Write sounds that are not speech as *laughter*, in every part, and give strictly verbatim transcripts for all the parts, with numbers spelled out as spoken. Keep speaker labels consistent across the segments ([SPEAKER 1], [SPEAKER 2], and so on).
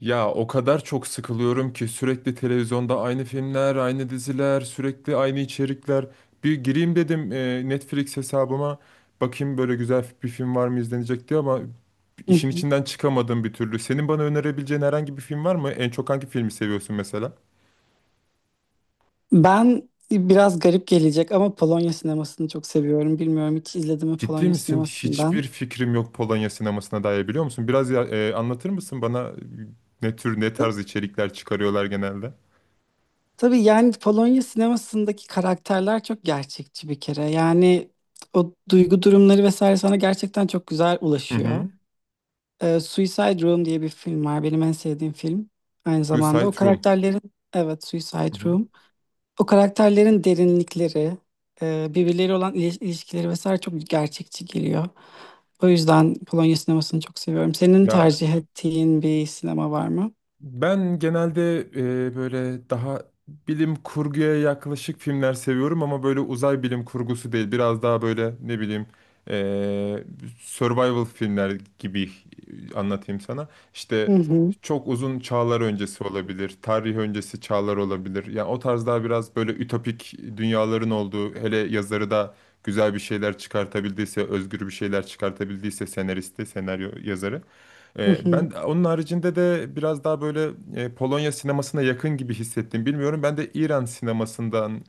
[SPEAKER 1] Ya o kadar çok sıkılıyorum ki sürekli televizyonda aynı filmler, aynı diziler, sürekli aynı içerikler. Bir gireyim dedim e, Netflix hesabıma. Bakayım böyle güzel bir film var mı izlenecek diye ama
[SPEAKER 2] Hı
[SPEAKER 1] işin
[SPEAKER 2] hı.
[SPEAKER 1] içinden çıkamadım bir türlü. Senin bana önerebileceğin herhangi bir film var mı? En çok hangi filmi seviyorsun mesela?
[SPEAKER 2] Ben biraz garip gelecek ama Polonya sinemasını çok seviyorum. Bilmiyorum hiç izledim mi
[SPEAKER 1] Ciddi
[SPEAKER 2] Polonya
[SPEAKER 1] misin? Hiçbir
[SPEAKER 2] sinemasından.
[SPEAKER 1] fikrim yok Polonya sinemasına dair biliyor musun? Biraz ya- e, anlatır mısın bana e, ne tür ne
[SPEAKER 2] Ta-
[SPEAKER 1] tarz içerikler çıkarıyorlar genelde?
[SPEAKER 2] Tabii, yani Polonya sinemasındaki karakterler çok gerçekçi bir kere. Yani o duygu durumları vesaire sana gerçekten çok güzel
[SPEAKER 1] Hı
[SPEAKER 2] ulaşıyor.
[SPEAKER 1] hı.
[SPEAKER 2] Ee, Suicide Room diye bir film var. Benim en sevdiğim film. Aynı zamanda o
[SPEAKER 1] Suicide Room.
[SPEAKER 2] karakterlerin, evet,
[SPEAKER 1] Hı
[SPEAKER 2] Suicide
[SPEAKER 1] hı.
[SPEAKER 2] Room. O karakterlerin derinlikleri, e, birbirleriyle olan ili- ilişkileri vesaire çok gerçekçi geliyor. O yüzden Polonya sinemasını çok seviyorum. Senin
[SPEAKER 1] Ya,
[SPEAKER 2] tercih ettiğin bir sinema var mı?
[SPEAKER 1] ben genelde e, böyle daha bilim kurguya yaklaşık filmler seviyorum ama böyle uzay bilim kurgusu değil. Biraz daha böyle ne bileyim e, survival filmler gibi anlatayım sana. İşte
[SPEAKER 2] Hı hı,
[SPEAKER 1] çok uzun çağlar öncesi olabilir, tarih öncesi çağlar olabilir. Yani o tarz daha biraz böyle ütopik dünyaların olduğu, hele yazarı da güzel bir şeyler çıkartabildiyse, özgür bir şeyler çıkartabildiyse senaristi, senaryo yazarı.
[SPEAKER 2] hı
[SPEAKER 1] E,
[SPEAKER 2] hı,
[SPEAKER 1] ben onun haricinde de biraz daha böyle e, Polonya sinemasına yakın gibi hissettim. Bilmiyorum ben de İran sinemasından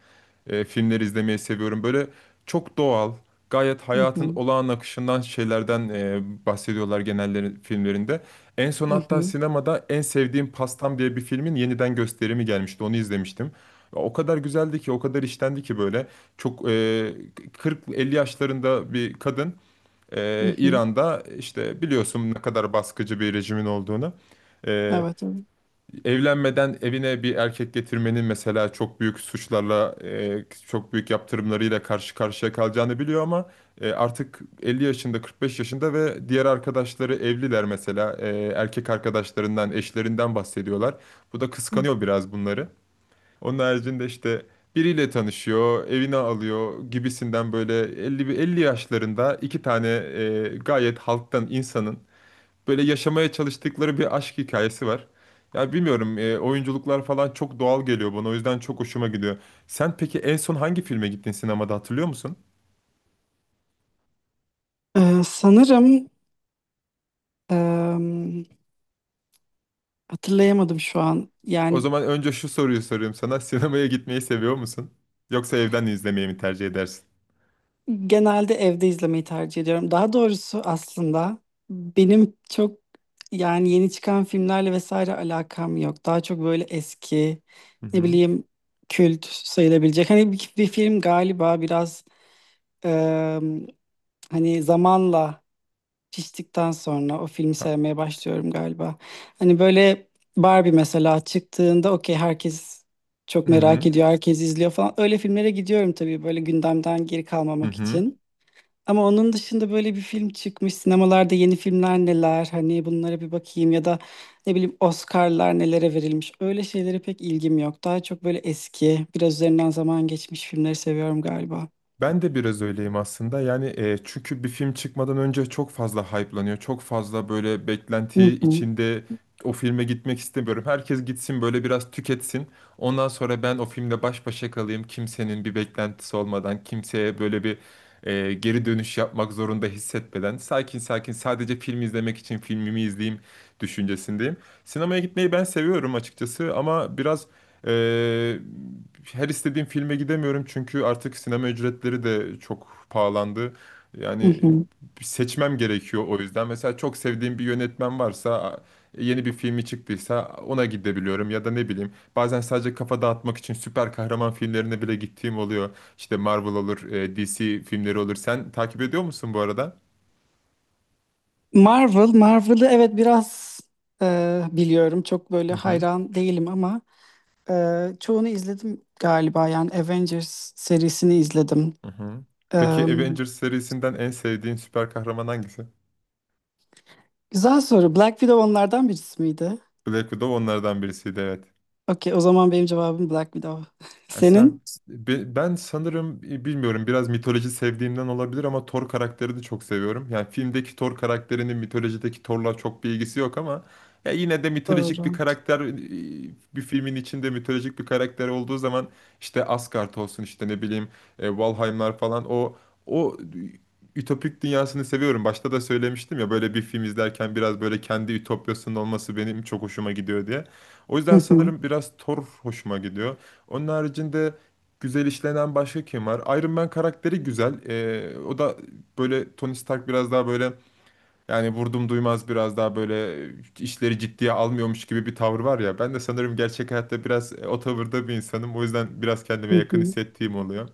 [SPEAKER 1] e, filmleri izlemeyi seviyorum. Böyle çok doğal, gayet
[SPEAKER 2] hı
[SPEAKER 1] hayatın
[SPEAKER 2] hı,
[SPEAKER 1] olağan akışından şeylerden e, bahsediyorlar genelleri filmlerinde. En son
[SPEAKER 2] hı
[SPEAKER 1] hatta
[SPEAKER 2] hı,
[SPEAKER 1] sinemada En Sevdiğim Pastam diye bir filmin yeniden gösterimi gelmişti. Onu izlemiştim. O kadar güzeldi ki, o kadar işlendi ki böyle. Çok e, kırk elli yaşlarında bir kadın,
[SPEAKER 2] hı
[SPEAKER 1] ee,
[SPEAKER 2] hı.
[SPEAKER 1] İran'da işte biliyorsun ne kadar baskıcı bir rejimin olduğunu. Ee,
[SPEAKER 2] Evet, evet.
[SPEAKER 1] Evlenmeden evine bir erkek getirmenin mesela çok büyük suçlarla, e, çok büyük yaptırımlarıyla karşı karşıya kalacağını biliyor ama e, artık elli yaşında, kırk beş yaşında ve diğer arkadaşları evliler mesela. E, erkek arkadaşlarından, eşlerinden bahsediyorlar. Bu da kıskanıyor biraz bunları. Onun haricinde işte biriyle tanışıyor, evine alıyor gibisinden böyle elli bir elli yaşlarında iki tane e, gayet halktan insanın böyle yaşamaya çalıştıkları bir aşk hikayesi var. Ya bilmiyorum e, oyunculuklar falan çok doğal geliyor bana o yüzden çok hoşuma gidiyor. Sen peki en son hangi filme gittin sinemada hatırlıyor musun?
[SPEAKER 2] Ee, sanırım, em, hatırlayamadım şu an.
[SPEAKER 1] O
[SPEAKER 2] Yani
[SPEAKER 1] zaman önce şu soruyu sorayım sana. *laughs* Sinemaya gitmeyi seviyor musun? Yoksa evden izlemeyi mi tercih edersin?
[SPEAKER 2] genelde evde izlemeyi tercih ediyorum. Daha doğrusu aslında benim çok, yani, yeni çıkan filmlerle vesaire alakam yok. Daha çok böyle eski,
[SPEAKER 1] Hı
[SPEAKER 2] ne
[SPEAKER 1] hı.
[SPEAKER 2] bileyim, kült sayılabilecek. Hani bir, bir film galiba biraz, eee, hani zamanla piştikten sonra o filmi
[SPEAKER 1] Ha-
[SPEAKER 2] sevmeye başlıyorum galiba. Hani böyle Barbie mesela çıktığında, okey, herkes çok
[SPEAKER 1] Hı
[SPEAKER 2] merak
[SPEAKER 1] hı.
[SPEAKER 2] ediyor, herkes izliyor falan. Öyle filmlere gidiyorum tabii böyle gündemden geri
[SPEAKER 1] Hı
[SPEAKER 2] kalmamak
[SPEAKER 1] hı.
[SPEAKER 2] için. Ama onun dışında böyle bir film çıkmış. Sinemalarda yeni filmler neler? Hani bunlara bir bakayım ya da ne bileyim Oscar'lar nelere verilmiş. Öyle şeylere pek ilgim yok. Daha çok böyle eski, biraz üzerinden zaman geçmiş filmleri seviyorum galiba.
[SPEAKER 1] Ben de biraz öyleyim aslında. Yani e, çünkü bir film çıkmadan önce çok fazla hype'lanıyor. Çok fazla böyle beklenti
[SPEAKER 2] Hı hı,
[SPEAKER 1] içinde o filme gitmek istemiyorum. Herkes gitsin böyle biraz tüketsin. Ondan sonra ben o filmle baş başa kalayım. Kimsenin bir beklentisi olmadan, kimseye böyle bir e, geri dönüş yapmak zorunda hissetmeden sakin sakin sadece film izlemek için filmimi izleyeyim düşüncesindeyim. Sinemaya gitmeyi ben seviyorum açıkçası ama biraz e, her istediğim filme gidemiyorum çünkü artık sinema ücretleri de çok pahalandı.
[SPEAKER 2] hı
[SPEAKER 1] Yani
[SPEAKER 2] hı.
[SPEAKER 1] seçmem gerekiyor o yüzden. Mesela çok sevdiğim bir yönetmen varsa yeni bir filmi çıktıysa ona gidebiliyorum ya da ne bileyim bazen sadece kafa dağıtmak için süper kahraman filmlerine bile gittiğim oluyor. İşte Marvel olur, e, D C filmleri olur. Sen takip ediyor musun bu arada?
[SPEAKER 2] Marvel, Marvel'ı evet biraz e, biliyorum. Çok böyle
[SPEAKER 1] Hı hı.
[SPEAKER 2] hayran değilim ama e, çoğunu izledim galiba. Yani Avengers serisini izledim.
[SPEAKER 1] Hı hı.
[SPEAKER 2] E,
[SPEAKER 1] Peki Avengers serisinden en sevdiğin süper kahraman hangisi?
[SPEAKER 2] güzel soru. Black Widow onlardan birisi miydi?
[SPEAKER 1] Black Widow onlardan birisiydi, evet.
[SPEAKER 2] Okey, o zaman benim cevabım Black Widow. *laughs*
[SPEAKER 1] Ya sen,
[SPEAKER 2] Senin?
[SPEAKER 1] be- ben sanırım e, bilmiyorum biraz mitoloji sevdiğimden olabilir ama Thor karakterini çok seviyorum. Yani filmdeki Thor karakterinin mitolojideki Thor'la çok bir ilgisi yok ama ya yine de mitolojik bir
[SPEAKER 2] Doğru.
[SPEAKER 1] karakter, e, bir filmin içinde mitolojik bir karakter olduğu zaman işte Asgard olsun işte ne bileyim e, Valheimlar falan, o o ütopik dünyasını seviyorum. Başta da söylemiştim ya böyle bir film izlerken biraz böyle kendi ütopyasının olması benim çok hoşuma gidiyor diye. O
[SPEAKER 2] Hı
[SPEAKER 1] yüzden
[SPEAKER 2] hı,
[SPEAKER 1] sanırım biraz Thor hoşuma gidiyor. Onun haricinde güzel işlenen başka kim var? Iron Man karakteri güzel. Ee, o da böyle Tony Stark, biraz daha böyle yani vurdum duymaz, biraz daha böyle işleri ciddiye almıyormuş gibi bir tavır var ya. Ben de sanırım gerçek hayatta biraz e, o tavırda bir insanım. O yüzden biraz kendime
[SPEAKER 2] hı
[SPEAKER 1] yakın
[SPEAKER 2] hı.
[SPEAKER 1] hissettiğim oluyor.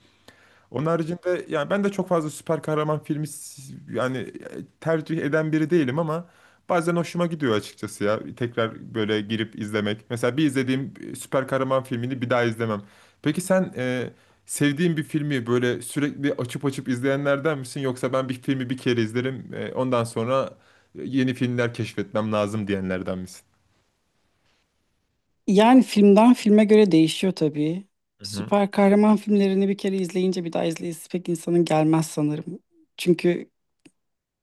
[SPEAKER 1] Onun haricinde yani ben de çok fazla süper kahraman filmi s- yani e, tercih eden biri değilim ama bazen hoşuma gidiyor açıkçası ya. Tekrar böyle girip izlemek. Mesela bir izlediğim e, süper kahraman filmini bir daha izlemem. Peki sen, e, sevdiğin bir filmi böyle sürekli açıp açıp izleyenlerden misin? Yoksa ben bir filmi bir kere izlerim, e, ondan sonra yeni filmler keşfetmem lazım diyenlerden misin?
[SPEAKER 2] Yani filmden filme göre değişiyor tabii.
[SPEAKER 1] Hı hı.
[SPEAKER 2] Süper kahraman filmlerini bir kere izleyince bir daha izleyesi pek insanın gelmez sanırım. Çünkü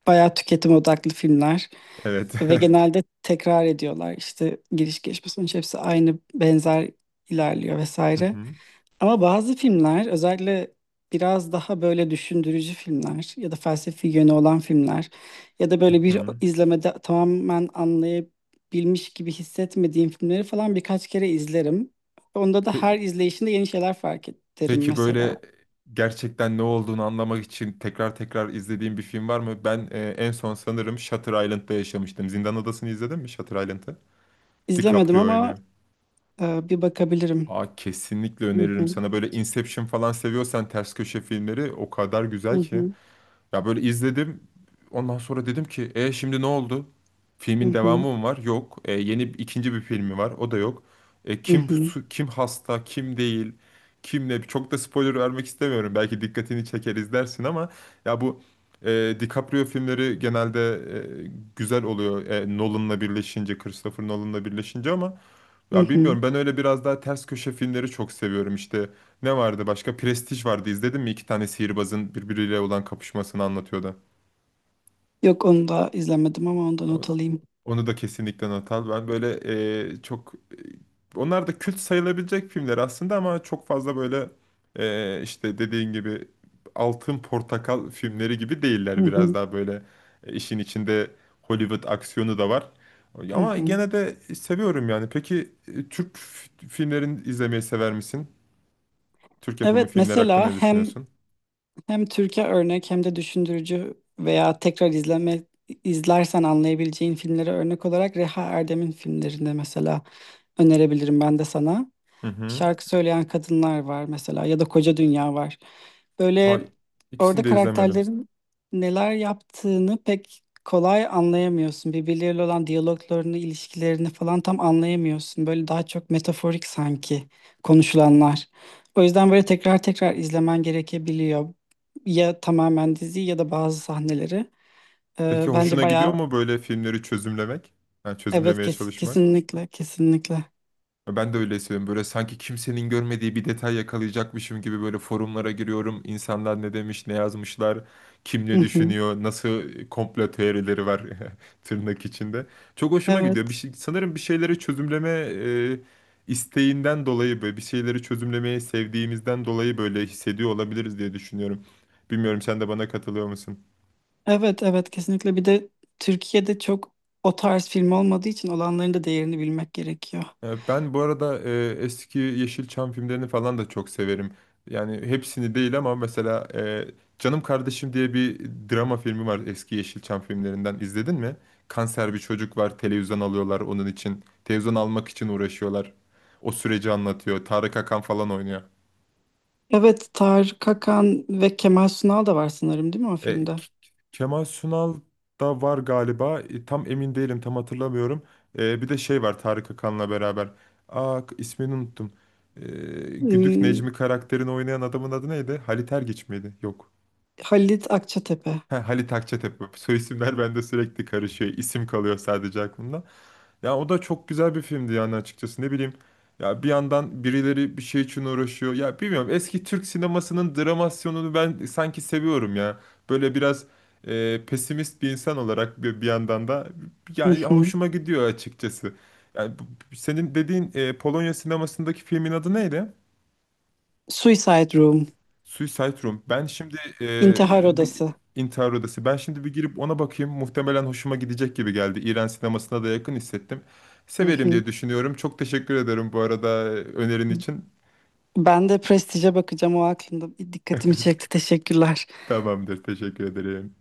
[SPEAKER 2] bayağı tüketim odaklı filmler
[SPEAKER 1] Evet.
[SPEAKER 2] ve genelde
[SPEAKER 1] *laughs*
[SPEAKER 2] tekrar ediyorlar. İşte giriş gelişme sonuç hepsi aynı, benzer ilerliyor
[SPEAKER 1] Hı
[SPEAKER 2] vesaire.
[SPEAKER 1] hı.
[SPEAKER 2] Ama bazı filmler, özellikle biraz daha böyle düşündürücü filmler ya da felsefi yönü olan filmler ya da böyle bir
[SPEAKER 1] Hı
[SPEAKER 2] izlemede tamamen anlayabilmiş gibi hissetmediğim filmleri falan birkaç kere izlerim. Onda da
[SPEAKER 1] hı.
[SPEAKER 2] her izleyişinde yeni şeyler fark ederim
[SPEAKER 1] Peki
[SPEAKER 2] mesela.
[SPEAKER 1] böyle gerçekten ne olduğunu anlamak için tekrar tekrar izlediğim bir film var mı? Ben e, en son sanırım Shutter Island'da yaşamıştım. Zindan Adası'nı izledin mi, Shutter Island'ı?
[SPEAKER 2] İzlemedim
[SPEAKER 1] DiCaprio
[SPEAKER 2] ama
[SPEAKER 1] oynuyor.
[SPEAKER 2] e, bir bakabilirim.
[SPEAKER 1] Aa, kesinlikle
[SPEAKER 2] Hı
[SPEAKER 1] öneririm
[SPEAKER 2] hı,
[SPEAKER 1] sana. Böyle Inception falan seviyorsan ters köşe filmleri o kadar
[SPEAKER 2] hı
[SPEAKER 1] güzel ki.
[SPEAKER 2] hı,
[SPEAKER 1] Ya böyle izledim. Ondan sonra dedim ki e şimdi ne oldu?
[SPEAKER 2] hı
[SPEAKER 1] Filmin
[SPEAKER 2] hı,
[SPEAKER 1] devamı mı var? Yok. E, yeni ikinci bir filmi var. O da yok. E,
[SPEAKER 2] hı
[SPEAKER 1] kim
[SPEAKER 2] hı,
[SPEAKER 1] su- kim hasta, kim değil, kim ne? Çok da spoiler vermek istemiyorum. Belki dikkatini çeker izlersin ama ya bu, e, DiCaprio filmleri genelde e, güzel oluyor. E, Nolan'la birleşince, Christopher Nolan'la birleşince ama
[SPEAKER 2] hı
[SPEAKER 1] ya
[SPEAKER 2] hı.
[SPEAKER 1] bilmiyorum ben öyle biraz daha ters köşe filmleri çok seviyorum işte. Ne vardı başka? Prestij vardı. İzledin mi? İki tane sihirbazın birbiriyle olan kapışmasını anlatıyordu.
[SPEAKER 2] Yok, onu da izlemedim ama ondan
[SPEAKER 1] O-
[SPEAKER 2] not alayım.
[SPEAKER 1] Onu da kesinlikle not al. Ben böyle e, çok e, onlar da kült sayılabilecek filmler aslında ama çok fazla böyle e, işte dediğin gibi Altın Portakal filmleri gibi
[SPEAKER 2] Hı
[SPEAKER 1] değiller, biraz
[SPEAKER 2] hı,
[SPEAKER 1] daha böyle e, işin içinde Hollywood aksiyonu da var.
[SPEAKER 2] hı
[SPEAKER 1] Ama
[SPEAKER 2] hı.
[SPEAKER 1] gene de seviyorum yani. Peki e, Türk f- filmlerini izlemeyi sever misin? Türk yapımı
[SPEAKER 2] Evet,
[SPEAKER 1] filmler hakkında
[SPEAKER 2] mesela
[SPEAKER 1] ne
[SPEAKER 2] hem
[SPEAKER 1] düşünüyorsun?
[SPEAKER 2] Hem Türkiye örnek hem de düşündürücü veya tekrar izleme, izlersen anlayabileceğin filmlere örnek olarak Reha Erdem'in filmlerinde mesela önerebilirim ben de sana.
[SPEAKER 1] Hı hı.
[SPEAKER 2] Şarkı Söyleyen Kadınlar var mesela ya da Koca Dünya var.
[SPEAKER 1] Ay,
[SPEAKER 2] Böyle
[SPEAKER 1] ikisini
[SPEAKER 2] orada
[SPEAKER 1] de izlemedim.
[SPEAKER 2] karakterlerin neler yaptığını pek kolay anlayamıyorsun. Birbirleriyle olan diyaloglarını, ilişkilerini falan tam anlayamıyorsun. Böyle daha çok metaforik sanki konuşulanlar. O yüzden böyle tekrar tekrar izlemen gerekebiliyor. Ya tamamen diziyi ya da bazı sahneleri. Ee,
[SPEAKER 1] Peki
[SPEAKER 2] bence
[SPEAKER 1] hoşuna gidiyor
[SPEAKER 2] bayağı,
[SPEAKER 1] mu böyle filmleri çözümlemek? Yani
[SPEAKER 2] evet,
[SPEAKER 1] çözümlemeye
[SPEAKER 2] kes-
[SPEAKER 1] çalışmak?
[SPEAKER 2] kesinlikle kesinlikle.
[SPEAKER 1] E, Ben de öyle hissediyorum. Böyle sanki kimsenin görmediği bir detay yakalayacakmışım gibi böyle forumlara giriyorum. İnsanlar ne demiş, ne yazmışlar, kim
[SPEAKER 2] Hı
[SPEAKER 1] ne
[SPEAKER 2] hı.
[SPEAKER 1] düşünüyor, nasıl e, komplo teorileri var, *laughs* tırnak içinde. Çok hoşuma gidiyor. Bir
[SPEAKER 2] Evet.
[SPEAKER 1] şey, sanırım bir şeyleri çözümleme e, isteğinden dolayı, böyle bir şeyleri çözümlemeyi sevdiğimizden dolayı böyle hissediyor olabiliriz diye düşünüyorum. Bilmiyorum, sen de bana katılıyor musun?
[SPEAKER 2] Evet, evet, kesinlikle. Bir de Türkiye'de çok o tarz film olmadığı için olanların da değerini bilmek gerekiyor.
[SPEAKER 1] Ee, Ben bu arada e, eski Yeşilçam filmlerini falan da çok severim. Yani hepsini değil ama mesela e, Canım Kardeşim diye bir drama filmi var eski Yeşilçam filmlerinden. İzledin mi? Kanser bir çocuk var, televizyon alıyorlar onun için. Televizyon almak için uğraşıyorlar. O süreci anlatıyor. Tarık Akan falan oynuyor.
[SPEAKER 2] Evet, Tarık Akan ve Kemal Sunal da var sanırım değil mi o
[SPEAKER 1] E,
[SPEAKER 2] filmde?
[SPEAKER 1] K- Kemal Sunal da var galiba. E, tam emin değilim, tam hatırlamıyorum. E, bir de şey var Tarık Akan'la beraber. Aa, k- ismini unuttum. E, Güdük
[SPEAKER 2] Hmm,
[SPEAKER 1] Necmi karakterini oynayan adamın adı neydi? Halit Ergenç miydi? Yok.
[SPEAKER 2] Halit Akçatepe.
[SPEAKER 1] Ha, Halit Akçatepe. *laughs* Soy isimler bende sürekli karışıyor. İsim kalıyor sadece aklımda. Ya o da çok güzel bir filmdi yani, açıkçası ne bileyim. Ya bir yandan birileri bir şey için uğraşıyor. Ya bilmiyorum, eski Türk sinemasının dramasyonunu ben sanki seviyorum ya. Böyle biraz e, pesimist bir insan olarak, bir, bir yandan da
[SPEAKER 2] Hı
[SPEAKER 1] yani
[SPEAKER 2] hı.
[SPEAKER 1] hoşuma gidiyor açıkçası. Yani bu- senin dediğin e, Polonya sinemasındaki filmin adı neydi?
[SPEAKER 2] Suicide Room.
[SPEAKER 1] Suicide Room. Ben şimdi e,
[SPEAKER 2] İntihar
[SPEAKER 1] bir
[SPEAKER 2] Odası.
[SPEAKER 1] intihar odası. Ben şimdi bir girip ona bakayım. Muhtemelen hoşuma gidecek gibi geldi. İran sinemasına da yakın hissettim.
[SPEAKER 2] Hı
[SPEAKER 1] Severim
[SPEAKER 2] hı.
[SPEAKER 1] diye düşünüyorum. Çok teşekkür ederim bu arada e, önerin için.
[SPEAKER 2] Ben de Prestige'e bakacağım, o aklımda. Dikkatimi çekti, teşekkürler.
[SPEAKER 1] Tamamdır. Teşekkür ederim.